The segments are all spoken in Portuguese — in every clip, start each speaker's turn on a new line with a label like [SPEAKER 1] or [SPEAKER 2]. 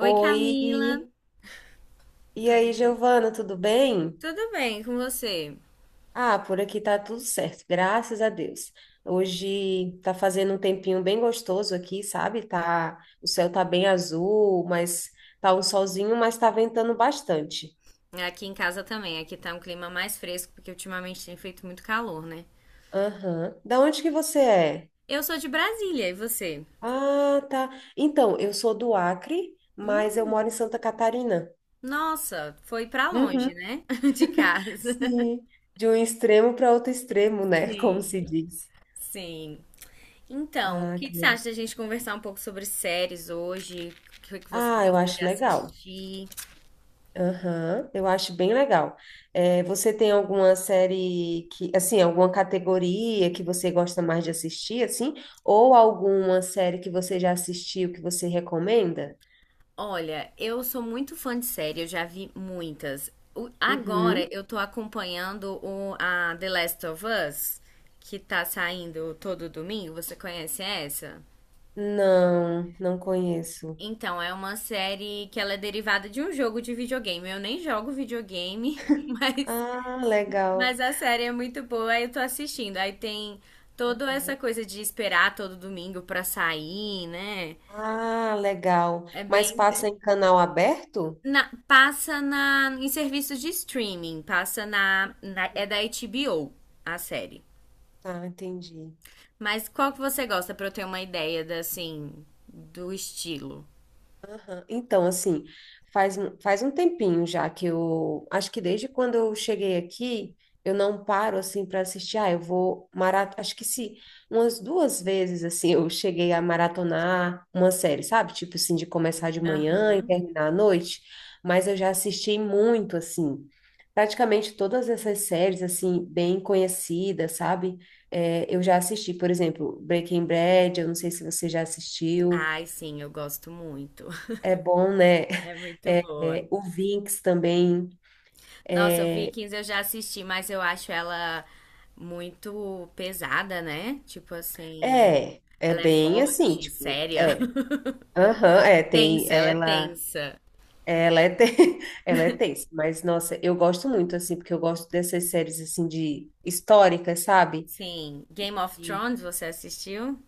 [SPEAKER 1] Oi,
[SPEAKER 2] Oi,
[SPEAKER 1] Camila.
[SPEAKER 2] e
[SPEAKER 1] Tudo
[SPEAKER 2] aí,
[SPEAKER 1] bem?
[SPEAKER 2] Giovana, tudo bem?
[SPEAKER 1] Tudo bem com você?
[SPEAKER 2] Ah, por aqui tá tudo certo, graças a Deus. Hoje tá fazendo um tempinho bem gostoso aqui, sabe? Tá, o céu tá bem azul, mas tá um solzinho, mas tá ventando bastante.
[SPEAKER 1] Aqui em casa também. Aqui tá um clima mais fresco, porque ultimamente tem feito muito calor, né?
[SPEAKER 2] Aham. Da onde que você é?
[SPEAKER 1] Eu sou de Brasília, e você?
[SPEAKER 2] Ah, tá. Então, eu sou do Acre, mas eu
[SPEAKER 1] Hum,
[SPEAKER 2] moro em Santa Catarina.
[SPEAKER 1] nossa, foi pra
[SPEAKER 2] Uhum.
[SPEAKER 1] longe, né? De casa.
[SPEAKER 2] Sim, de um extremo para outro extremo, né? Como
[SPEAKER 1] Sim,
[SPEAKER 2] se diz.
[SPEAKER 1] sim. Então, o
[SPEAKER 2] Ah,
[SPEAKER 1] que
[SPEAKER 2] que
[SPEAKER 1] que você
[SPEAKER 2] legal.
[SPEAKER 1] acha da gente conversar um pouco sobre séries hoje? O que que você
[SPEAKER 2] Ah, eu
[SPEAKER 1] gosta de
[SPEAKER 2] acho legal.
[SPEAKER 1] assistir?
[SPEAKER 2] Aham, eu acho bem legal. É, você tem alguma série que, assim, alguma categoria que você gosta mais de assistir, assim? Ou alguma série que você já assistiu que você recomenda?
[SPEAKER 1] Olha, eu sou muito fã de série, eu já vi muitas. Agora
[SPEAKER 2] Uhum.
[SPEAKER 1] eu tô acompanhando a The Last of Us, que tá saindo todo domingo. Você conhece essa?
[SPEAKER 2] Não, não conheço.
[SPEAKER 1] Então, é uma série que ela é derivada de um jogo de videogame. Eu nem jogo videogame,
[SPEAKER 2] Ah, legal.
[SPEAKER 1] mas a série é muito boa, aí eu tô assistindo. Aí tem toda essa coisa de esperar todo domingo pra sair, né?
[SPEAKER 2] Ah, legal.
[SPEAKER 1] É
[SPEAKER 2] Mas
[SPEAKER 1] bem.
[SPEAKER 2] passa em canal aberto?
[SPEAKER 1] Passa em serviços de streaming, passa na, é da HBO a série.
[SPEAKER 2] Tá, entendi.
[SPEAKER 1] Mas qual que você gosta pra eu ter uma ideia da, assim, do estilo?
[SPEAKER 2] Aham. Então, assim, faz, faz um tempinho já que eu. Acho que desde quando eu cheguei aqui, eu não paro, assim, para assistir. Ah, eu vou maratonar. Acho que se umas duas vezes, assim, eu cheguei a maratonar uma série, sabe? Tipo assim, de começar de manhã e
[SPEAKER 1] Aham.
[SPEAKER 2] terminar à noite. Mas eu já assisti muito, assim. Praticamente todas essas séries, assim, bem conhecidas, sabe? É, eu já assisti, por exemplo, Breaking Bad, eu não sei se você já assistiu.
[SPEAKER 1] Ai, sim, eu gosto muito.
[SPEAKER 2] É bom, né?
[SPEAKER 1] É muito
[SPEAKER 2] é,
[SPEAKER 1] boa.
[SPEAKER 2] é, o Vinx também.
[SPEAKER 1] Nossa,
[SPEAKER 2] É,
[SPEAKER 1] Vikings eu já assisti, mas eu acho ela muito pesada, né? Tipo assim,
[SPEAKER 2] é
[SPEAKER 1] ela é
[SPEAKER 2] bem assim,
[SPEAKER 1] forte,
[SPEAKER 2] tipo,
[SPEAKER 1] séria.
[SPEAKER 2] é. Aham, é, tem,
[SPEAKER 1] Tensa, ela é
[SPEAKER 2] ela,
[SPEAKER 1] tensa.
[SPEAKER 2] ela é, te- ela é tensa, mas, nossa, eu gosto muito, assim, porque eu gosto dessas séries, assim, de históricas, sabe?
[SPEAKER 1] Sim. Game of
[SPEAKER 2] E
[SPEAKER 1] Thrones, você assistiu?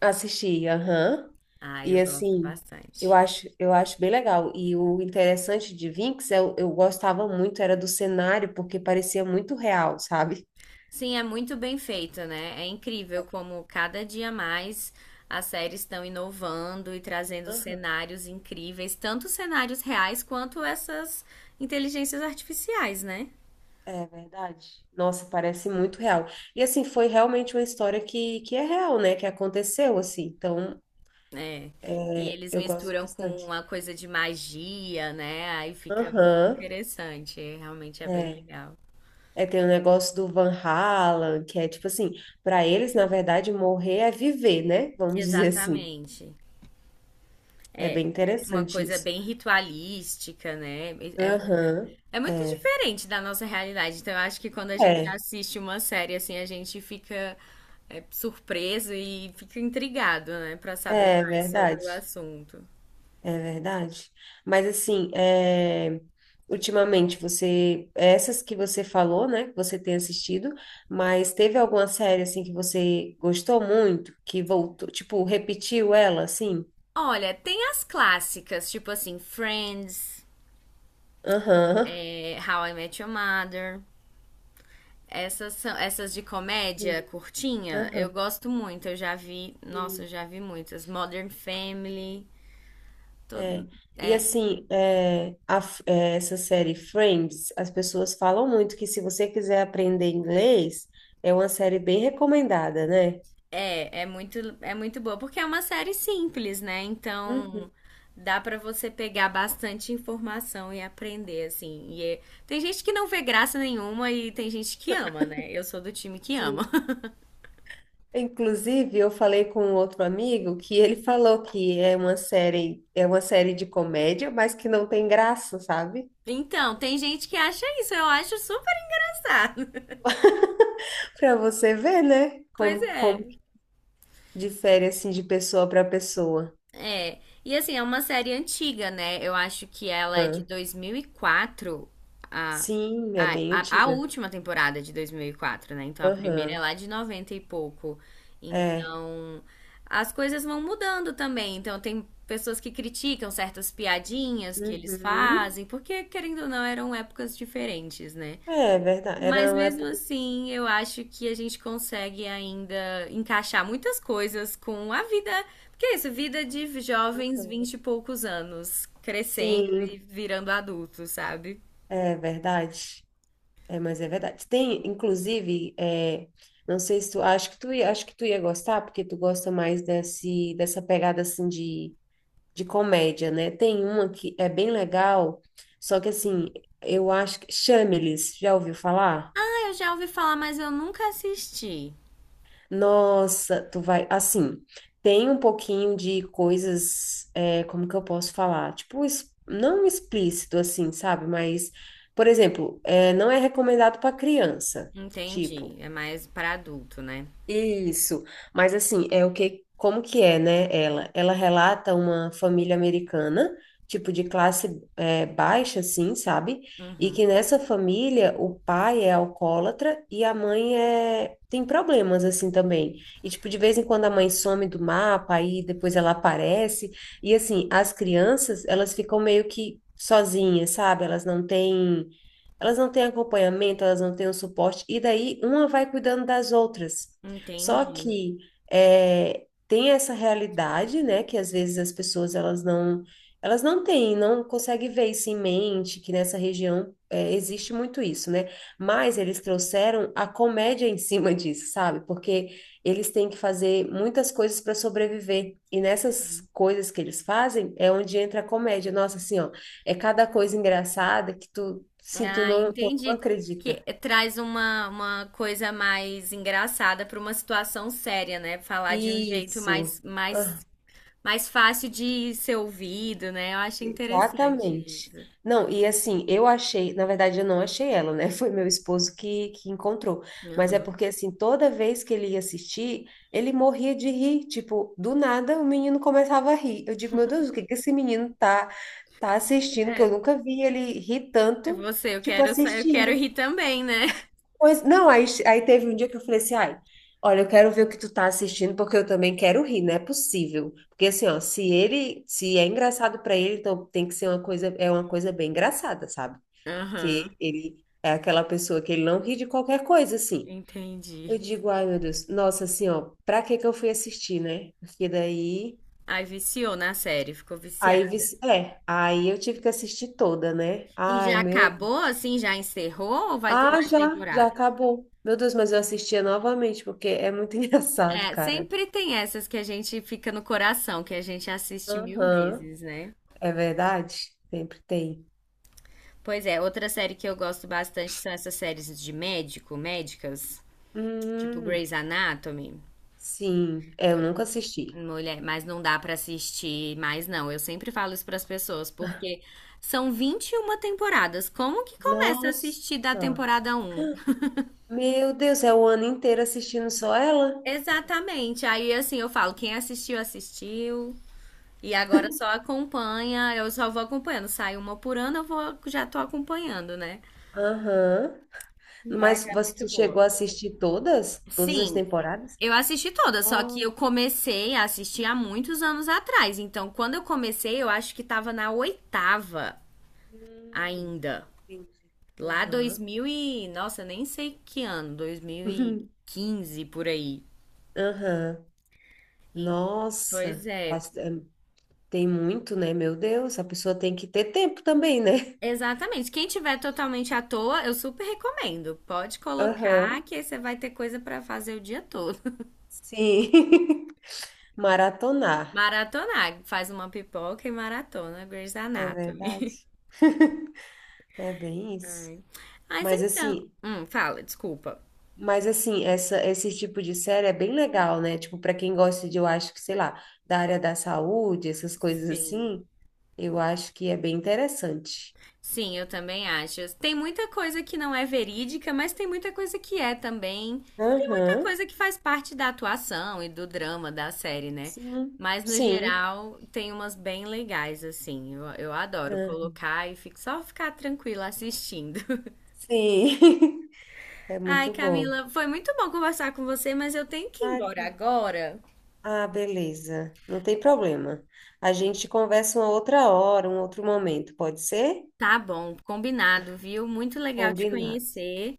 [SPEAKER 2] assisti, aham,
[SPEAKER 1] Ah,
[SPEAKER 2] e,
[SPEAKER 1] eu gosto
[SPEAKER 2] assim,
[SPEAKER 1] bastante.
[SPEAKER 2] eu acho bem legal, e o interessante de Vinx, eu gostava muito, era do cenário, porque parecia muito real, sabe?
[SPEAKER 1] Sim, é muito bem feito, né? É incrível como cada dia mais as séries estão inovando e trazendo cenários incríveis, tanto cenários reais quanto essas inteligências artificiais, né?
[SPEAKER 2] É verdade. Nossa, parece muito real. E assim, foi realmente uma história que é real, né? Que aconteceu, assim. Então,
[SPEAKER 1] É. E
[SPEAKER 2] é,
[SPEAKER 1] eles
[SPEAKER 2] eu gosto
[SPEAKER 1] misturam com
[SPEAKER 2] bastante.
[SPEAKER 1] uma coisa de magia, né? Aí fica muito
[SPEAKER 2] Aham,
[SPEAKER 1] interessante. Realmente é bem
[SPEAKER 2] é.
[SPEAKER 1] legal.
[SPEAKER 2] É, tem o negócio do Van Halen, que é tipo assim, para eles, na verdade, morrer é viver, né? Vamos dizer assim.
[SPEAKER 1] Exatamente.
[SPEAKER 2] É bem
[SPEAKER 1] Uma
[SPEAKER 2] interessante
[SPEAKER 1] coisa
[SPEAKER 2] isso.
[SPEAKER 1] bem ritualística, né? É muito,
[SPEAKER 2] Aham,
[SPEAKER 1] é muito
[SPEAKER 2] é.
[SPEAKER 1] diferente da nossa realidade. Então, eu acho que quando a gente
[SPEAKER 2] É,
[SPEAKER 1] assiste uma série assim, a gente fica surpreso e fica intrigado, né, pra saber
[SPEAKER 2] é
[SPEAKER 1] mais sobre o
[SPEAKER 2] verdade.
[SPEAKER 1] assunto.
[SPEAKER 2] É verdade. Mas assim, é, ultimamente você, essas que você falou, né, que você tem assistido, mas teve alguma série assim que você gostou muito, que voltou, tipo, repetiu ela, assim?
[SPEAKER 1] Olha, tem as clássicas, tipo assim, Friends,
[SPEAKER 2] Aham.
[SPEAKER 1] How I Met Your Mother. Essas são, essas de
[SPEAKER 2] Sim.
[SPEAKER 1] comédia curtinha, eu
[SPEAKER 2] Aham.
[SPEAKER 1] gosto muito. Eu já vi, nossa, eu
[SPEAKER 2] Sim.
[SPEAKER 1] já vi muitas. Modern Family,
[SPEAKER 2] É.
[SPEAKER 1] todo,
[SPEAKER 2] E
[SPEAKER 1] é.
[SPEAKER 2] assim, essa série Friends, as pessoas falam muito que se você quiser aprender inglês, é uma série bem recomendada, né?
[SPEAKER 1] É, é muito boa, porque é uma série simples, né?
[SPEAKER 2] Uhum.
[SPEAKER 1] Então dá pra você pegar bastante informação e aprender, assim. E. Tem gente que não vê graça nenhuma e tem gente que ama, né? Eu sou do time que
[SPEAKER 2] Sim.
[SPEAKER 1] ama.
[SPEAKER 2] Inclusive, eu falei com um outro amigo que ele falou que é uma série de comédia, mas que não tem graça, sabe?
[SPEAKER 1] Então, tem gente que acha isso, eu acho super engraçado.
[SPEAKER 2] Para você ver, né?
[SPEAKER 1] Pois
[SPEAKER 2] Como
[SPEAKER 1] é.
[SPEAKER 2] difere assim de pessoa para pessoa.
[SPEAKER 1] É. E assim, é uma série antiga, né? Eu acho que ela é de
[SPEAKER 2] Ah,
[SPEAKER 1] 2004.
[SPEAKER 2] sim, é
[SPEAKER 1] Ah,
[SPEAKER 2] bem
[SPEAKER 1] a
[SPEAKER 2] antiga.
[SPEAKER 1] última temporada de 2004, né? Então a primeira é
[SPEAKER 2] Aham.
[SPEAKER 1] lá de 90 e pouco.
[SPEAKER 2] É.
[SPEAKER 1] Então as coisas vão mudando também. Então tem pessoas que criticam certas piadinhas que eles
[SPEAKER 2] Uhum.
[SPEAKER 1] fazem, porque querendo ou não eram épocas diferentes, né?
[SPEAKER 2] É verdade. Era
[SPEAKER 1] Mas
[SPEAKER 2] uma
[SPEAKER 1] mesmo
[SPEAKER 2] época.
[SPEAKER 1] assim, eu acho que a gente consegue ainda encaixar muitas coisas com a vida, porque é isso, vida de jovens 20 e poucos anos, crescendo e
[SPEAKER 2] Sim,
[SPEAKER 1] virando adultos, sabe?
[SPEAKER 2] é verdade. É, mas é verdade. Tem, inclusive, é, não sei se tu, acho que tu ia, acho que tu ia gostar, porque tu gosta mais dessa pegada, assim, de comédia, né? Tem uma que é bem legal, só que, assim, eu acho que... Chamelis, já ouviu falar?
[SPEAKER 1] Eu já ouvi falar, mas eu nunca assisti.
[SPEAKER 2] Nossa, tu vai... Assim, tem um pouquinho de coisas, é, como que eu posso falar? Tipo, não explícito, assim, sabe? Mas, por exemplo, é, não é recomendado para criança,
[SPEAKER 1] Entendi.
[SPEAKER 2] tipo...
[SPEAKER 1] É mais pra adulto, né?
[SPEAKER 2] Isso, mas assim, é o que, como que é, né, ela? Ela relata uma família americana, tipo de classe é, baixa, assim, sabe? E
[SPEAKER 1] Uhum.
[SPEAKER 2] que nessa família o pai é alcoólatra e a mãe é, tem problemas, assim, também. E, tipo, de vez em quando a mãe some do mapa, aí depois ela aparece. E, assim, as crianças, elas ficam meio que sozinhas, sabe? Elas não têm acompanhamento, elas não têm o suporte, e daí uma vai cuidando das outras. Só
[SPEAKER 1] Entendi.
[SPEAKER 2] que é, tem essa realidade, né, que às vezes as pessoas elas não têm, não conseguem ver isso em mente, que nessa região é, existe muito isso, né? Mas eles trouxeram a comédia em cima disso, sabe? Porque eles têm que fazer muitas coisas para sobreviver. E nessas coisas que eles fazem é onde entra a comédia. Nossa, assim, ó, é cada coisa engraçada que tu, se tu
[SPEAKER 1] Ah,
[SPEAKER 2] não, tu não
[SPEAKER 1] entendi. Que
[SPEAKER 2] acredita.
[SPEAKER 1] traz uma coisa mais engraçada pra uma situação séria, né? Falar de um jeito
[SPEAKER 2] Isso.
[SPEAKER 1] mais, mais, mais fácil de ser ouvido, né? Eu acho interessante
[SPEAKER 2] Exatamente.
[SPEAKER 1] isso.
[SPEAKER 2] Não, e assim, eu achei, na verdade eu não achei ela, né? Foi meu esposo que encontrou. Mas é
[SPEAKER 1] Uhum.
[SPEAKER 2] porque, assim, toda vez que ele ia assistir, ele morria de rir. Tipo, do nada o menino começava a rir. Eu digo, meu Deus, o que que esse menino tá assistindo que
[SPEAKER 1] É,
[SPEAKER 2] eu nunca vi ele rir
[SPEAKER 1] é
[SPEAKER 2] tanto,
[SPEAKER 1] você, eu
[SPEAKER 2] tipo,
[SPEAKER 1] quero, eu quero
[SPEAKER 2] assistindo.
[SPEAKER 1] rir também, né?
[SPEAKER 2] Pois, não, aí teve um dia que eu falei assim, ai, olha, eu quero ver o que tu tá assistindo, porque eu também quero rir, não é possível. Porque assim, ó, se ele, se é engraçado pra ele, então tem que ser uma coisa, é uma coisa bem engraçada, sabe? Que
[SPEAKER 1] Aham,
[SPEAKER 2] ele é aquela pessoa que ele não ri de qualquer coisa, assim. Eu
[SPEAKER 1] entendi.
[SPEAKER 2] digo, ai, meu Deus, nossa, assim, ó, pra que que eu fui assistir, né? Porque daí,
[SPEAKER 1] Aí viciou na série, ficou viciada.
[SPEAKER 2] aí eu tive que assistir toda, né?
[SPEAKER 1] E
[SPEAKER 2] Ai,
[SPEAKER 1] já
[SPEAKER 2] meu
[SPEAKER 1] acabou, assim, já encerrou ou vai ter
[SPEAKER 2] Ah,
[SPEAKER 1] mais
[SPEAKER 2] já, já
[SPEAKER 1] temporada?
[SPEAKER 2] acabou. Meu Deus, mas eu assistia novamente, porque é muito engraçado,
[SPEAKER 1] É,
[SPEAKER 2] cara.
[SPEAKER 1] sempre tem essas que a gente fica no coração, que a gente assiste mil
[SPEAKER 2] Aham,
[SPEAKER 1] vezes, né?
[SPEAKER 2] é verdade? Sempre tem.
[SPEAKER 1] Pois é, outra série que eu gosto bastante são essas séries de médico, médicas, tipo
[SPEAKER 2] Hum,
[SPEAKER 1] Grey's Anatomy.
[SPEAKER 2] sim, é, eu
[SPEAKER 1] Por-
[SPEAKER 2] nunca assisti.
[SPEAKER 1] Mulher, mas não dá pra assistir mais, não. Eu sempre falo isso pras pessoas, porque são 21 temporadas. Como que começa a
[SPEAKER 2] Nossa,
[SPEAKER 1] assistir da temporada um?
[SPEAKER 2] meu Deus, é o ano inteiro assistindo só ela?
[SPEAKER 1] Exatamente. Aí, assim, eu falo, quem assistiu, assistiu. E agora só acompanha, eu só vou acompanhando. Sai uma por ano, eu vou, já tô acompanhando, né?
[SPEAKER 2] Aham.
[SPEAKER 1] Mas
[SPEAKER 2] Mas
[SPEAKER 1] é
[SPEAKER 2] você
[SPEAKER 1] muito
[SPEAKER 2] tu
[SPEAKER 1] boa.
[SPEAKER 2] chegou a assistir todas? Todas as
[SPEAKER 1] Sim,
[SPEAKER 2] temporadas?
[SPEAKER 1] eu assisti toda, só que
[SPEAKER 2] Nossa,
[SPEAKER 1] eu comecei a assistir há muitos anos atrás. Então, quando eu comecei, eu acho que tava na oitava
[SPEAKER 2] hum,
[SPEAKER 1] ainda.
[SPEAKER 2] entendi.
[SPEAKER 1] Lá dois
[SPEAKER 2] Aham.
[SPEAKER 1] mil e... Nossa, nem sei que ano. dois mil e quinze por aí.
[SPEAKER 2] Aham.
[SPEAKER 1] Em- Pois
[SPEAKER 2] Nossa,
[SPEAKER 1] é.
[SPEAKER 2] bastante, tem muito, né? Meu Deus, a pessoa tem que ter tempo também, né?
[SPEAKER 1] Exatamente. Quem tiver totalmente à toa, eu super recomendo. Pode
[SPEAKER 2] Aham,
[SPEAKER 1] colocar que aí você vai ter coisa pra fazer o dia todo.
[SPEAKER 2] sim. Maratonar,
[SPEAKER 1] Maratonar. Faz uma pipoca e maratona Grey's
[SPEAKER 2] é
[SPEAKER 1] Anatomy.
[SPEAKER 2] verdade. É bem isso.
[SPEAKER 1] Ai. Mas
[SPEAKER 2] Mas
[SPEAKER 1] então.
[SPEAKER 2] assim,
[SPEAKER 1] Fala, desculpa.
[SPEAKER 2] mas assim, essa, esse tipo de série é bem legal, né? Tipo, para quem gosta de, eu acho que, sei lá, da área da saúde, essas coisas
[SPEAKER 1] Sim.
[SPEAKER 2] assim, eu acho que é bem interessante.
[SPEAKER 1] Sim, eu também acho. Tem muita coisa que não é verídica, mas tem muita coisa que é também. E tem muita
[SPEAKER 2] Aham,
[SPEAKER 1] coisa que faz parte da atuação e do drama da série, né?
[SPEAKER 2] sim,
[SPEAKER 1] Mas no
[SPEAKER 2] sim,
[SPEAKER 1] geral, tem umas bem legais, assim. Eu adoro
[SPEAKER 2] aham,
[SPEAKER 1] colocar e fico, só ficar tranquila assistindo.
[SPEAKER 2] sim. É
[SPEAKER 1] Ai,
[SPEAKER 2] muito bom.
[SPEAKER 1] Camila, foi muito bom conversar com você, mas eu tenho que ir
[SPEAKER 2] Ai,
[SPEAKER 1] embora agora.
[SPEAKER 2] ah, beleza. Não tem problema. A gente conversa uma outra hora, um outro momento, pode ser?
[SPEAKER 1] Tá bom, combinado, viu? Muito legal te
[SPEAKER 2] Combinado.
[SPEAKER 1] conhecer.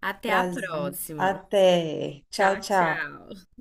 [SPEAKER 1] Até a
[SPEAKER 2] Prazer.
[SPEAKER 1] próxima.
[SPEAKER 2] Até. Tchau,
[SPEAKER 1] Tchau,
[SPEAKER 2] tchau.
[SPEAKER 1] tchau.